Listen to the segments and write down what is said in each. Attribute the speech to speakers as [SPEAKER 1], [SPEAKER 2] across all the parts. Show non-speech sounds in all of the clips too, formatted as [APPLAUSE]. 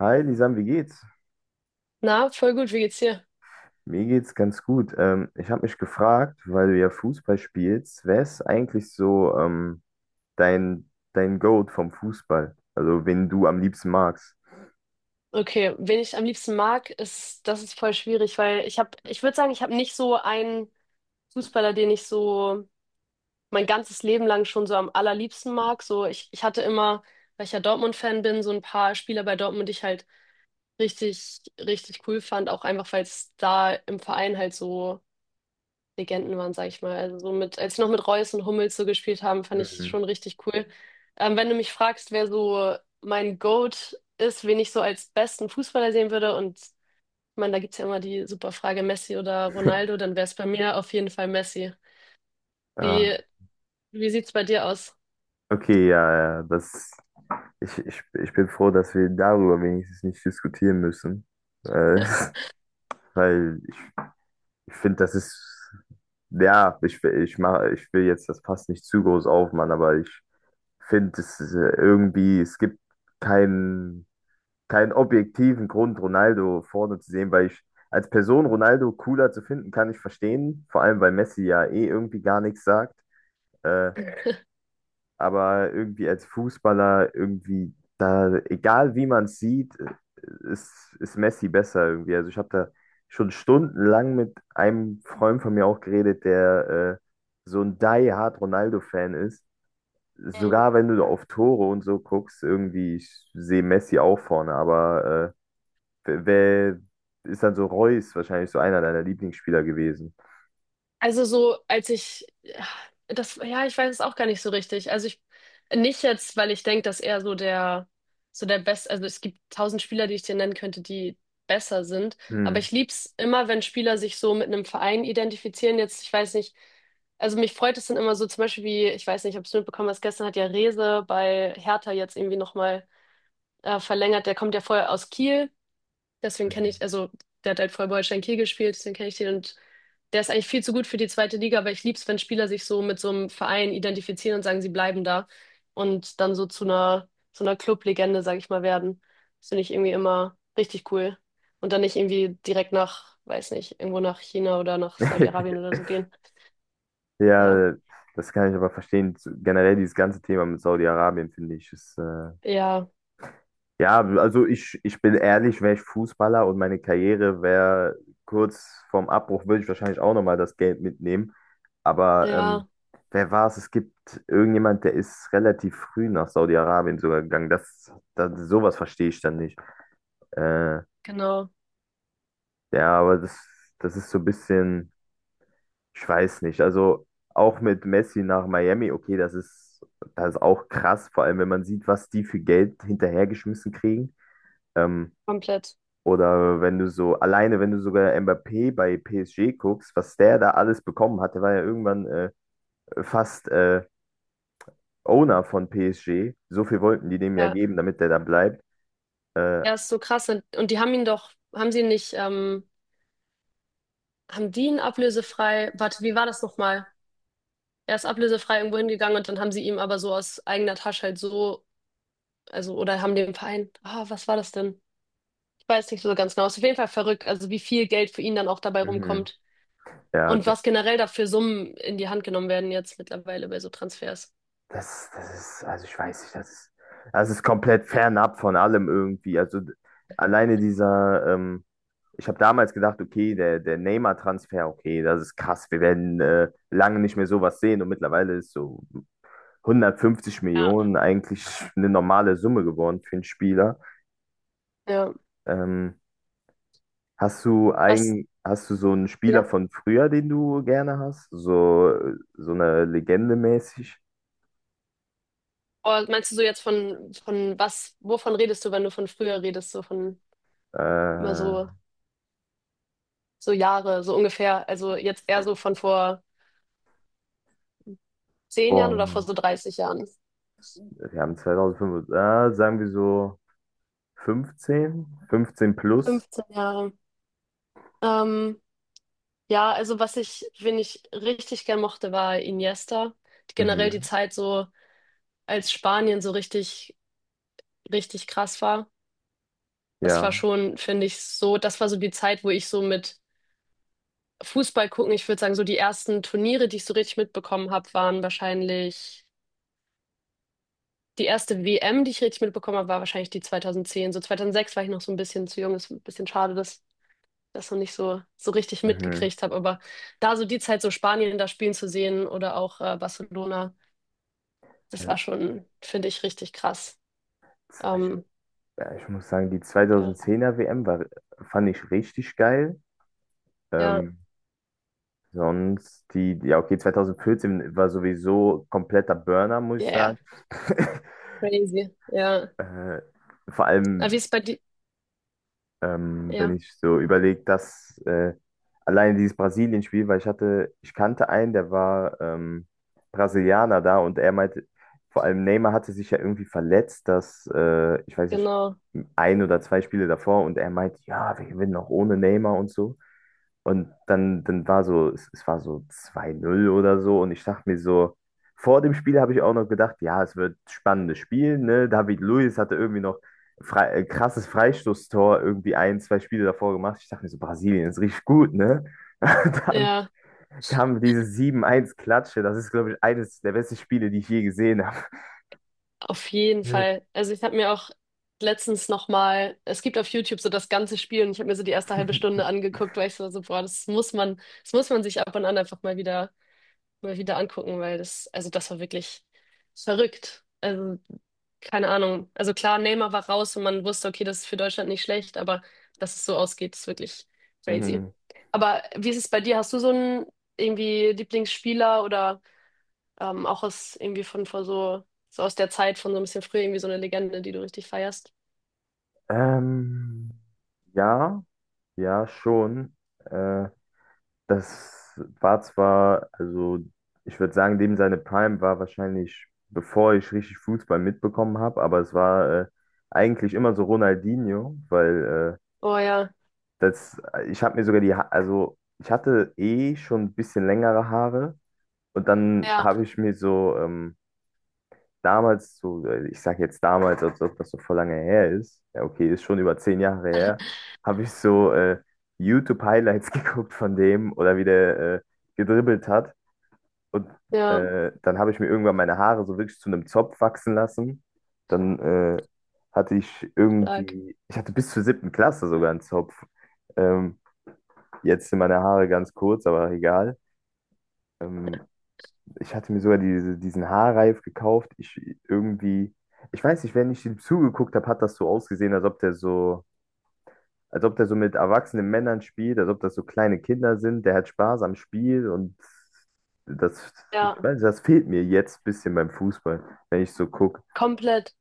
[SPEAKER 1] Hi, Lisan, wie geht's?
[SPEAKER 2] Na, voll gut, wie geht's dir?
[SPEAKER 1] Mir geht's ganz gut. Ich habe mich gefragt, weil du ja Fußball spielst, wer ist eigentlich so dein, dein Goat vom Fußball? Also, wen du am liebsten magst?
[SPEAKER 2] Okay, wen ich am liebsten mag, ist, das ist voll schwierig, weil ich würde sagen, ich habe nicht so einen Fußballer, den ich so mein ganzes Leben lang schon so am allerliebsten mag. So, ich hatte immer, weil ich ja Dortmund-Fan bin, so ein paar Spieler bei Dortmund, die ich halt richtig, richtig cool fand, auch einfach, weil es da im Verein halt so Legenden waren, sag ich mal. Also so mit, als sie noch mit Reus und Hummels so gespielt haben, fand ich
[SPEAKER 1] Mhm.
[SPEAKER 2] schon richtig cool. Wenn du mich fragst, wer so mein GOAT ist, wen ich so als besten Fußballer sehen würde, und ich meine, da gibt's ja immer die super Frage, Messi oder Ronaldo, dann wäre es bei mir auf jeden Fall Messi.
[SPEAKER 1] Ah,
[SPEAKER 2] Wie, wie sieht's bei dir aus?
[SPEAKER 1] okay, ja, ja, das, ich bin froh, dass wir darüber wenigstens nicht diskutieren müssen. Äh, [LAUGHS] weil ich finde, das ist, ja, ich will jetzt, das passt nicht zu groß auf, Mann, aber ich finde es ist, irgendwie, es gibt keinen, keinen objektiven Grund, Ronaldo vorne zu sehen, weil ich als Person Ronaldo cooler zu finden, kann ich verstehen. Vor allem, weil Messi ja eh irgendwie gar nichts sagt. Äh, aber irgendwie als Fußballer, irgendwie da, egal wie man es sieht, ist Messi besser irgendwie. Also ich habe da schon stundenlang mit einem Freund von mir auch geredet, der so ein die-hard Ronaldo-Fan ist.
[SPEAKER 2] [LAUGHS] Mhm.
[SPEAKER 1] Sogar wenn du auf Tore und so guckst, irgendwie, ich sehe Messi auch vorne, aber wer ist dann so Reus wahrscheinlich so einer deiner Lieblingsspieler gewesen?
[SPEAKER 2] Also so, als ich, ja, das, ja, ich weiß es auch gar nicht so richtig. Also ich, nicht jetzt, weil ich denke, dass er so der Beste, also es gibt tausend Spieler, die ich dir nennen könnte, die besser sind. Aber
[SPEAKER 1] Hm.
[SPEAKER 2] ich lieb's immer, wenn Spieler sich so mit einem Verein identifizieren. Jetzt, ich weiß nicht, also mich freut es dann immer so, zum Beispiel wie, ich weiß nicht, ob du es mitbekommen hast, gestern hat ja Reze bei Hertha jetzt irgendwie nochmal verlängert. Der kommt ja vorher aus Kiel. Deswegen kenne ich, also der hat halt vor Holstein Kiel gespielt, deswegen kenne ich den und der ist eigentlich viel zu gut für die zweite Liga, aber ich lieb's, wenn Spieler sich so mit so einem Verein identifizieren und sagen, sie bleiben da und dann so zu einer Clublegende legende sag ich mal, werden. Das finde ich irgendwie immer richtig cool. Und dann nicht irgendwie direkt nach, weiß nicht, irgendwo nach China oder nach Saudi-Arabien
[SPEAKER 1] [LAUGHS]
[SPEAKER 2] oder so gehen. Ja,
[SPEAKER 1] Ja, das kann ich aber verstehen. Generell dieses ganze Thema mit Saudi-Arabien, finde ich, ist.
[SPEAKER 2] ja,
[SPEAKER 1] Ja, also ich bin ehrlich, wäre ich Fußballer und meine Karriere wäre kurz vorm Abbruch, würde ich wahrscheinlich auch nochmal das Geld mitnehmen. Aber
[SPEAKER 2] ja,
[SPEAKER 1] wer war es? Es gibt irgendjemand, der ist relativ früh nach Saudi-Arabien sogar gegangen. Das, das, sowas verstehe ich dann nicht. Äh,
[SPEAKER 2] genau,
[SPEAKER 1] ja, aber das ist so ein bisschen, ich weiß nicht. Also auch mit Messi nach Miami, okay, das ist auch krass, vor allem wenn man sieht, was die für Geld hinterhergeschmissen kriegen. Ähm,
[SPEAKER 2] komplett.
[SPEAKER 1] Oder wenn du so, alleine wenn du sogar Mbappé bei PSG guckst, was der da alles bekommen hat, der war ja irgendwann fast Owner von PSG. So viel wollten die dem ja
[SPEAKER 2] Ja,
[SPEAKER 1] geben, damit der da bleibt. Äh,
[SPEAKER 2] ja, ist so krass. Und die haben ihn doch, haben sie ihn nicht, haben die ihn ablösefrei? Warte, wie war das nochmal? Er ist ablösefrei irgendwo hingegangen und dann haben sie ihm aber so aus eigener Tasche halt so, also, oder haben dem Verein, ah, was war das denn? Ich weiß nicht so ganz genau. Ist auf jeden Fall verrückt, also wie viel Geld für ihn dann auch dabei
[SPEAKER 1] mhm.
[SPEAKER 2] rumkommt
[SPEAKER 1] Ja,
[SPEAKER 2] und
[SPEAKER 1] d-
[SPEAKER 2] was generell da für Summen in die Hand genommen werden jetzt mittlerweile bei so Transfers.
[SPEAKER 1] das, das ist, also ich weiß nicht, das ist komplett fernab von allem irgendwie. Also alleine ich habe damals gedacht, okay, der Neymar-Transfer, okay, das ist krass, wir werden lange nicht mehr sowas sehen und mittlerweile ist so, 150
[SPEAKER 2] Ja.
[SPEAKER 1] Millionen eigentlich eine normale Summe geworden für einen Spieler.
[SPEAKER 2] Ja,
[SPEAKER 1] Ähm, hast du
[SPEAKER 2] was,
[SPEAKER 1] ein, hast du so einen Spieler
[SPEAKER 2] ja?
[SPEAKER 1] von früher, den du gerne hast? So eine Legende mäßig?
[SPEAKER 2] Oder meinst du so jetzt von was, wovon redest du, wenn du von früher redest, so von immer
[SPEAKER 1] Äh,
[SPEAKER 2] so, so Jahre, so ungefähr, also jetzt eher so von vor 10 Jahren oder vor so
[SPEAKER 1] Boah,
[SPEAKER 2] 30 Jahren?
[SPEAKER 1] wir haben 2005, ah, sagen wir so 15, 15 plus.
[SPEAKER 2] 15 Jahre. Ähm, Ja, also was ich, wen ich richtig gern mochte, war Iniesta. Generell die
[SPEAKER 1] Mhm,
[SPEAKER 2] Zeit so, als Spanien so richtig, richtig krass war. Das war
[SPEAKER 1] ja,
[SPEAKER 2] schon, finde ich, so, das war so die Zeit, wo ich so mit Fußball gucken, ich würde sagen, so die ersten Turniere, die ich so richtig mitbekommen habe, waren wahrscheinlich, die erste WM, die ich richtig mitbekommen habe, war wahrscheinlich die 2010. So 2006 war ich noch so ein bisschen zu jung, ist ein bisschen schade, dass ich das noch nicht so, so richtig
[SPEAKER 1] mhm.
[SPEAKER 2] mitgekriegt habe. Aber da so die Zeit, so Spanien da spielen zu sehen oder auch Barcelona. Das
[SPEAKER 1] Also,
[SPEAKER 2] war schon, finde ich, richtig krass.
[SPEAKER 1] z- ich,
[SPEAKER 2] Ähm,
[SPEAKER 1] ja, ich muss sagen, die
[SPEAKER 2] ja,
[SPEAKER 1] 2010er WM fand ich richtig geil.
[SPEAKER 2] ja,
[SPEAKER 1] Ähm, Sonst die, ja, okay, 2014 war sowieso kompletter Burner, muss ich
[SPEAKER 2] ja,
[SPEAKER 1] sagen.
[SPEAKER 2] ja,
[SPEAKER 1] [LAUGHS]
[SPEAKER 2] crazy. Ja.
[SPEAKER 1] Äh, Vor
[SPEAKER 2] Aber wie
[SPEAKER 1] allem,
[SPEAKER 2] ist bei dir?
[SPEAKER 1] wenn
[SPEAKER 2] Ja,
[SPEAKER 1] ich so überlege, dass alleine dieses Brasilien-Spiel, weil ich kannte einen, der war Brasilianer da und er meinte, vor allem Neymar hatte sich ja irgendwie verletzt, dass, ich weiß nicht,
[SPEAKER 2] genau.
[SPEAKER 1] ein oder zwei Spiele davor und er meinte, ja, wir gewinnen auch ohne Neymar und so. Und dann war so, es war so 2:0 oder so. Und ich dachte mir so, vor dem Spiel habe ich auch noch gedacht, ja, es wird ein spannendes Spiel, ne? David Luiz hatte irgendwie noch frei, krasses Freistoßtor irgendwie ein, zwei Spiele davor gemacht. Ich dachte mir so, Brasilien ist richtig gut, ne? [LAUGHS] Dann
[SPEAKER 2] Ja,
[SPEAKER 1] kam diese 7:1 Klatsche. Das ist, glaube ich, eines der besten Spiele, die ich je gesehen
[SPEAKER 2] auf jeden
[SPEAKER 1] habe.
[SPEAKER 2] Fall. Also ich habe mir auch letztens nochmal, es gibt auf YouTube so das ganze Spiel und ich habe mir so die erste halbe Stunde
[SPEAKER 1] [LAUGHS]
[SPEAKER 2] angeguckt, weil ich so, so, boah, das muss man sich ab und an einfach mal wieder angucken, weil das, also das war wirklich verrückt. Also, keine Ahnung. Also klar, Neymar war raus und man wusste, okay, das ist für Deutschland nicht schlecht, aber dass es so ausgeht, ist wirklich crazy.
[SPEAKER 1] Mhm.
[SPEAKER 2] Aber wie ist es bei dir? Hast du so einen irgendwie Lieblingsspieler oder auch aus irgendwie von vor so, so aus der Zeit von so ein bisschen früher irgendwie so eine Legende, die du richtig feierst?
[SPEAKER 1] Ähm, ja, ja, schon. Äh, Das war zwar, also ich würde sagen, dem seine Prime war wahrscheinlich, bevor ich richtig Fußball mitbekommen habe, aber es war eigentlich immer so Ronaldinho, weil
[SPEAKER 2] Oh ja,
[SPEAKER 1] Ich habe mir sogar die, also ich hatte eh schon ein bisschen längere Haare und dann
[SPEAKER 2] ja,
[SPEAKER 1] habe ich mir so damals, so, ich sage jetzt damals, als ob das so voll lange her ist, ja okay, ist schon über 10 Jahre her, habe ich so YouTube-Highlights [LAUGHS] geguckt von dem oder wie der gedribbelt hat und
[SPEAKER 2] ja,
[SPEAKER 1] dann habe ich mir irgendwann meine Haare so wirklich zu einem Zopf wachsen lassen. Dann hatte ich
[SPEAKER 2] stark.
[SPEAKER 1] irgendwie, ich hatte bis zur 7. Klasse sogar einen Zopf. Ähm, Jetzt sind meine Haare ganz kurz, aber egal. Ähm, Ich hatte mir sogar diese, diesen Haarreif gekauft. Ich irgendwie, ich weiß nicht, wenn ich ihm zugeguckt habe, hat das so ausgesehen, als ob der so, als ob der so mit erwachsenen Männern spielt, als ob das so kleine Kinder sind. Der hat Spaß am Spiel und das, ich
[SPEAKER 2] Ja,
[SPEAKER 1] weiß nicht, das fehlt mir jetzt ein bisschen beim Fußball, wenn ich so gucke.
[SPEAKER 2] komplett.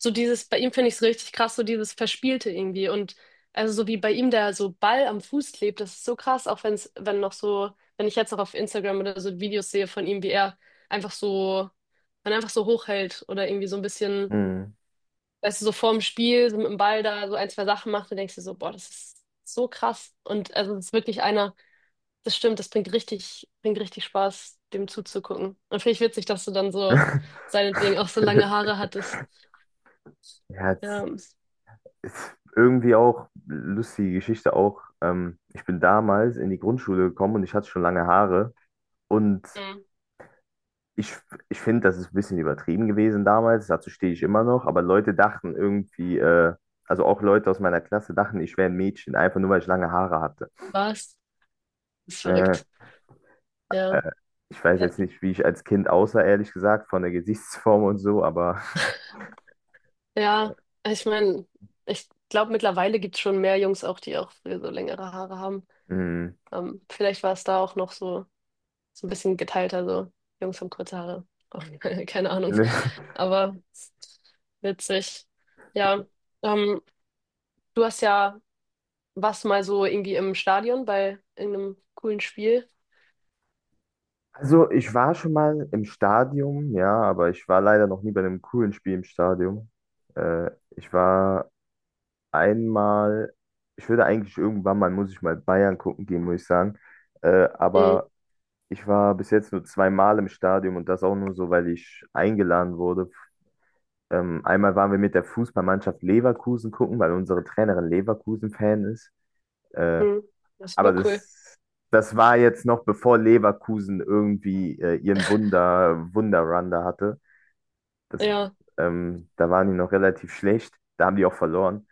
[SPEAKER 2] So dieses, bei ihm finde ich es richtig krass, so dieses Verspielte irgendwie. Und also so wie bei ihm der so Ball am Fuß klebt, das ist so krass, auch wenn es, wenn noch so, wenn ich jetzt noch auf Instagram oder so Videos sehe von ihm, wie er einfach so, man einfach so hochhält oder irgendwie so ein bisschen,
[SPEAKER 1] Mhm.
[SPEAKER 2] weißt du, so vorm Spiel, so mit dem Ball da so ein, zwei Sachen macht, dann denkst du so, boah, das ist so krass. Und also es ist wirklich einer, das stimmt, das bringt richtig Spaß, dem zuzugucken. Und finde ich witzig, dass du dann so
[SPEAKER 1] [LAUGHS]
[SPEAKER 2] seinetwegen auch so lange Haare hattest.
[SPEAKER 1] Ja, ist irgendwie auch lustige Geschichte auch. Ich bin damals in die Grundschule gekommen und ich hatte schon lange Haare. Und
[SPEAKER 2] Ja.
[SPEAKER 1] ich, ich finde, das ist ein bisschen übertrieben gewesen damals. Dazu stehe ich immer noch. Aber Leute dachten irgendwie, also auch Leute aus meiner Klasse dachten, ich wäre ein Mädchen, einfach nur weil ich lange Haare hatte.
[SPEAKER 2] Was? Das ist
[SPEAKER 1] Äh,
[SPEAKER 2] verrückt. Ja.
[SPEAKER 1] äh, Ich weiß
[SPEAKER 2] Ja,
[SPEAKER 1] jetzt nicht, wie ich als Kind aussah, ehrlich gesagt, von der Gesichtsform und so, aber
[SPEAKER 2] ja. Ich meine, ich glaube, mittlerweile gibt es schon mehr Jungs auch, die auch früher so längere Haare haben.
[SPEAKER 1] mh,
[SPEAKER 2] Vielleicht war es da auch noch so, so ein bisschen geteilter, so Jungs haben kurze Haare. Auch, [LAUGHS] keine Ahnung.
[SPEAKER 1] [LAUGHS] ne.
[SPEAKER 2] Aber witzig. Ja. Ähm, du hast ja was mal so irgendwie im Stadion bei irgendeinem coolen Spiel.
[SPEAKER 1] Also ich war schon mal im Stadion, ja, aber ich war leider noch nie bei einem coolen Spiel im Stadion. Äh, Ich war einmal, ich würde eigentlich irgendwann mal, muss ich mal Bayern gucken gehen, muss ich sagen.
[SPEAKER 2] Mhm.
[SPEAKER 1] Aber ich war bis jetzt nur zweimal im Stadion und das auch nur so, weil ich eingeladen wurde. Einmal waren wir mit der Fußballmannschaft Leverkusen gucken, weil unsere Trainerin Leverkusen-Fan ist. Äh,
[SPEAKER 2] Mhm. Das ist
[SPEAKER 1] aber
[SPEAKER 2] super cool.
[SPEAKER 1] das war jetzt noch bevor Leverkusen irgendwie ihren Wunderrun da hatte. Das,
[SPEAKER 2] Ja.
[SPEAKER 1] Da waren die noch relativ schlecht. Da haben die auch verloren.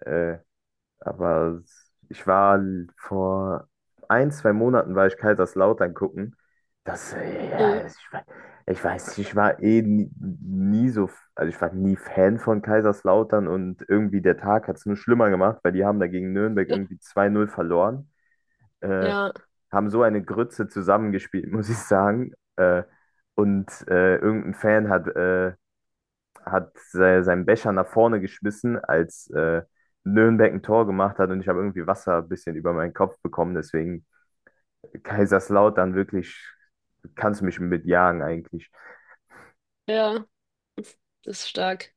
[SPEAKER 1] Äh, aber ich war vor ein, zwei Monaten war ich Kaiserslautern gucken. Das,
[SPEAKER 2] Mhm.
[SPEAKER 1] ja, ich weiß nicht, ich war eh nie so, also ich war nie Fan von Kaiserslautern und irgendwie der Tag hat es nur schlimmer gemacht, weil die haben da gegen Nürnberg irgendwie 2:0 verloren. Äh,
[SPEAKER 2] Ja,
[SPEAKER 1] Haben so eine Grütze zusammengespielt, [LAUGHS] muss ich sagen. Und irgendein Fan hat se seinen Becher nach vorne geschmissen, als Nürnberg ein Tor gemacht hat und ich habe irgendwie Wasser ein bisschen über meinen Kopf bekommen. Deswegen Kaiserslautern wirklich, kannst du mich mitjagen eigentlich.
[SPEAKER 2] ja. Das ist stark.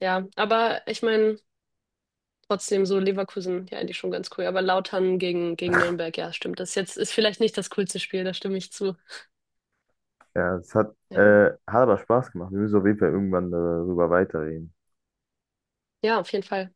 [SPEAKER 2] Ja, aber ich meine, trotzdem so Leverkusen, ja, eigentlich schon ganz cool. Aber Lautern gegen, gegen Nürnberg, ja, stimmt. Das jetzt ist vielleicht nicht das coolste Spiel, da stimme ich zu.
[SPEAKER 1] Ja, es
[SPEAKER 2] Ja,
[SPEAKER 1] hat aber Spaß gemacht. Wir müssen auf jeden Fall irgendwann darüber weiterreden.
[SPEAKER 2] ja, auf jeden Fall.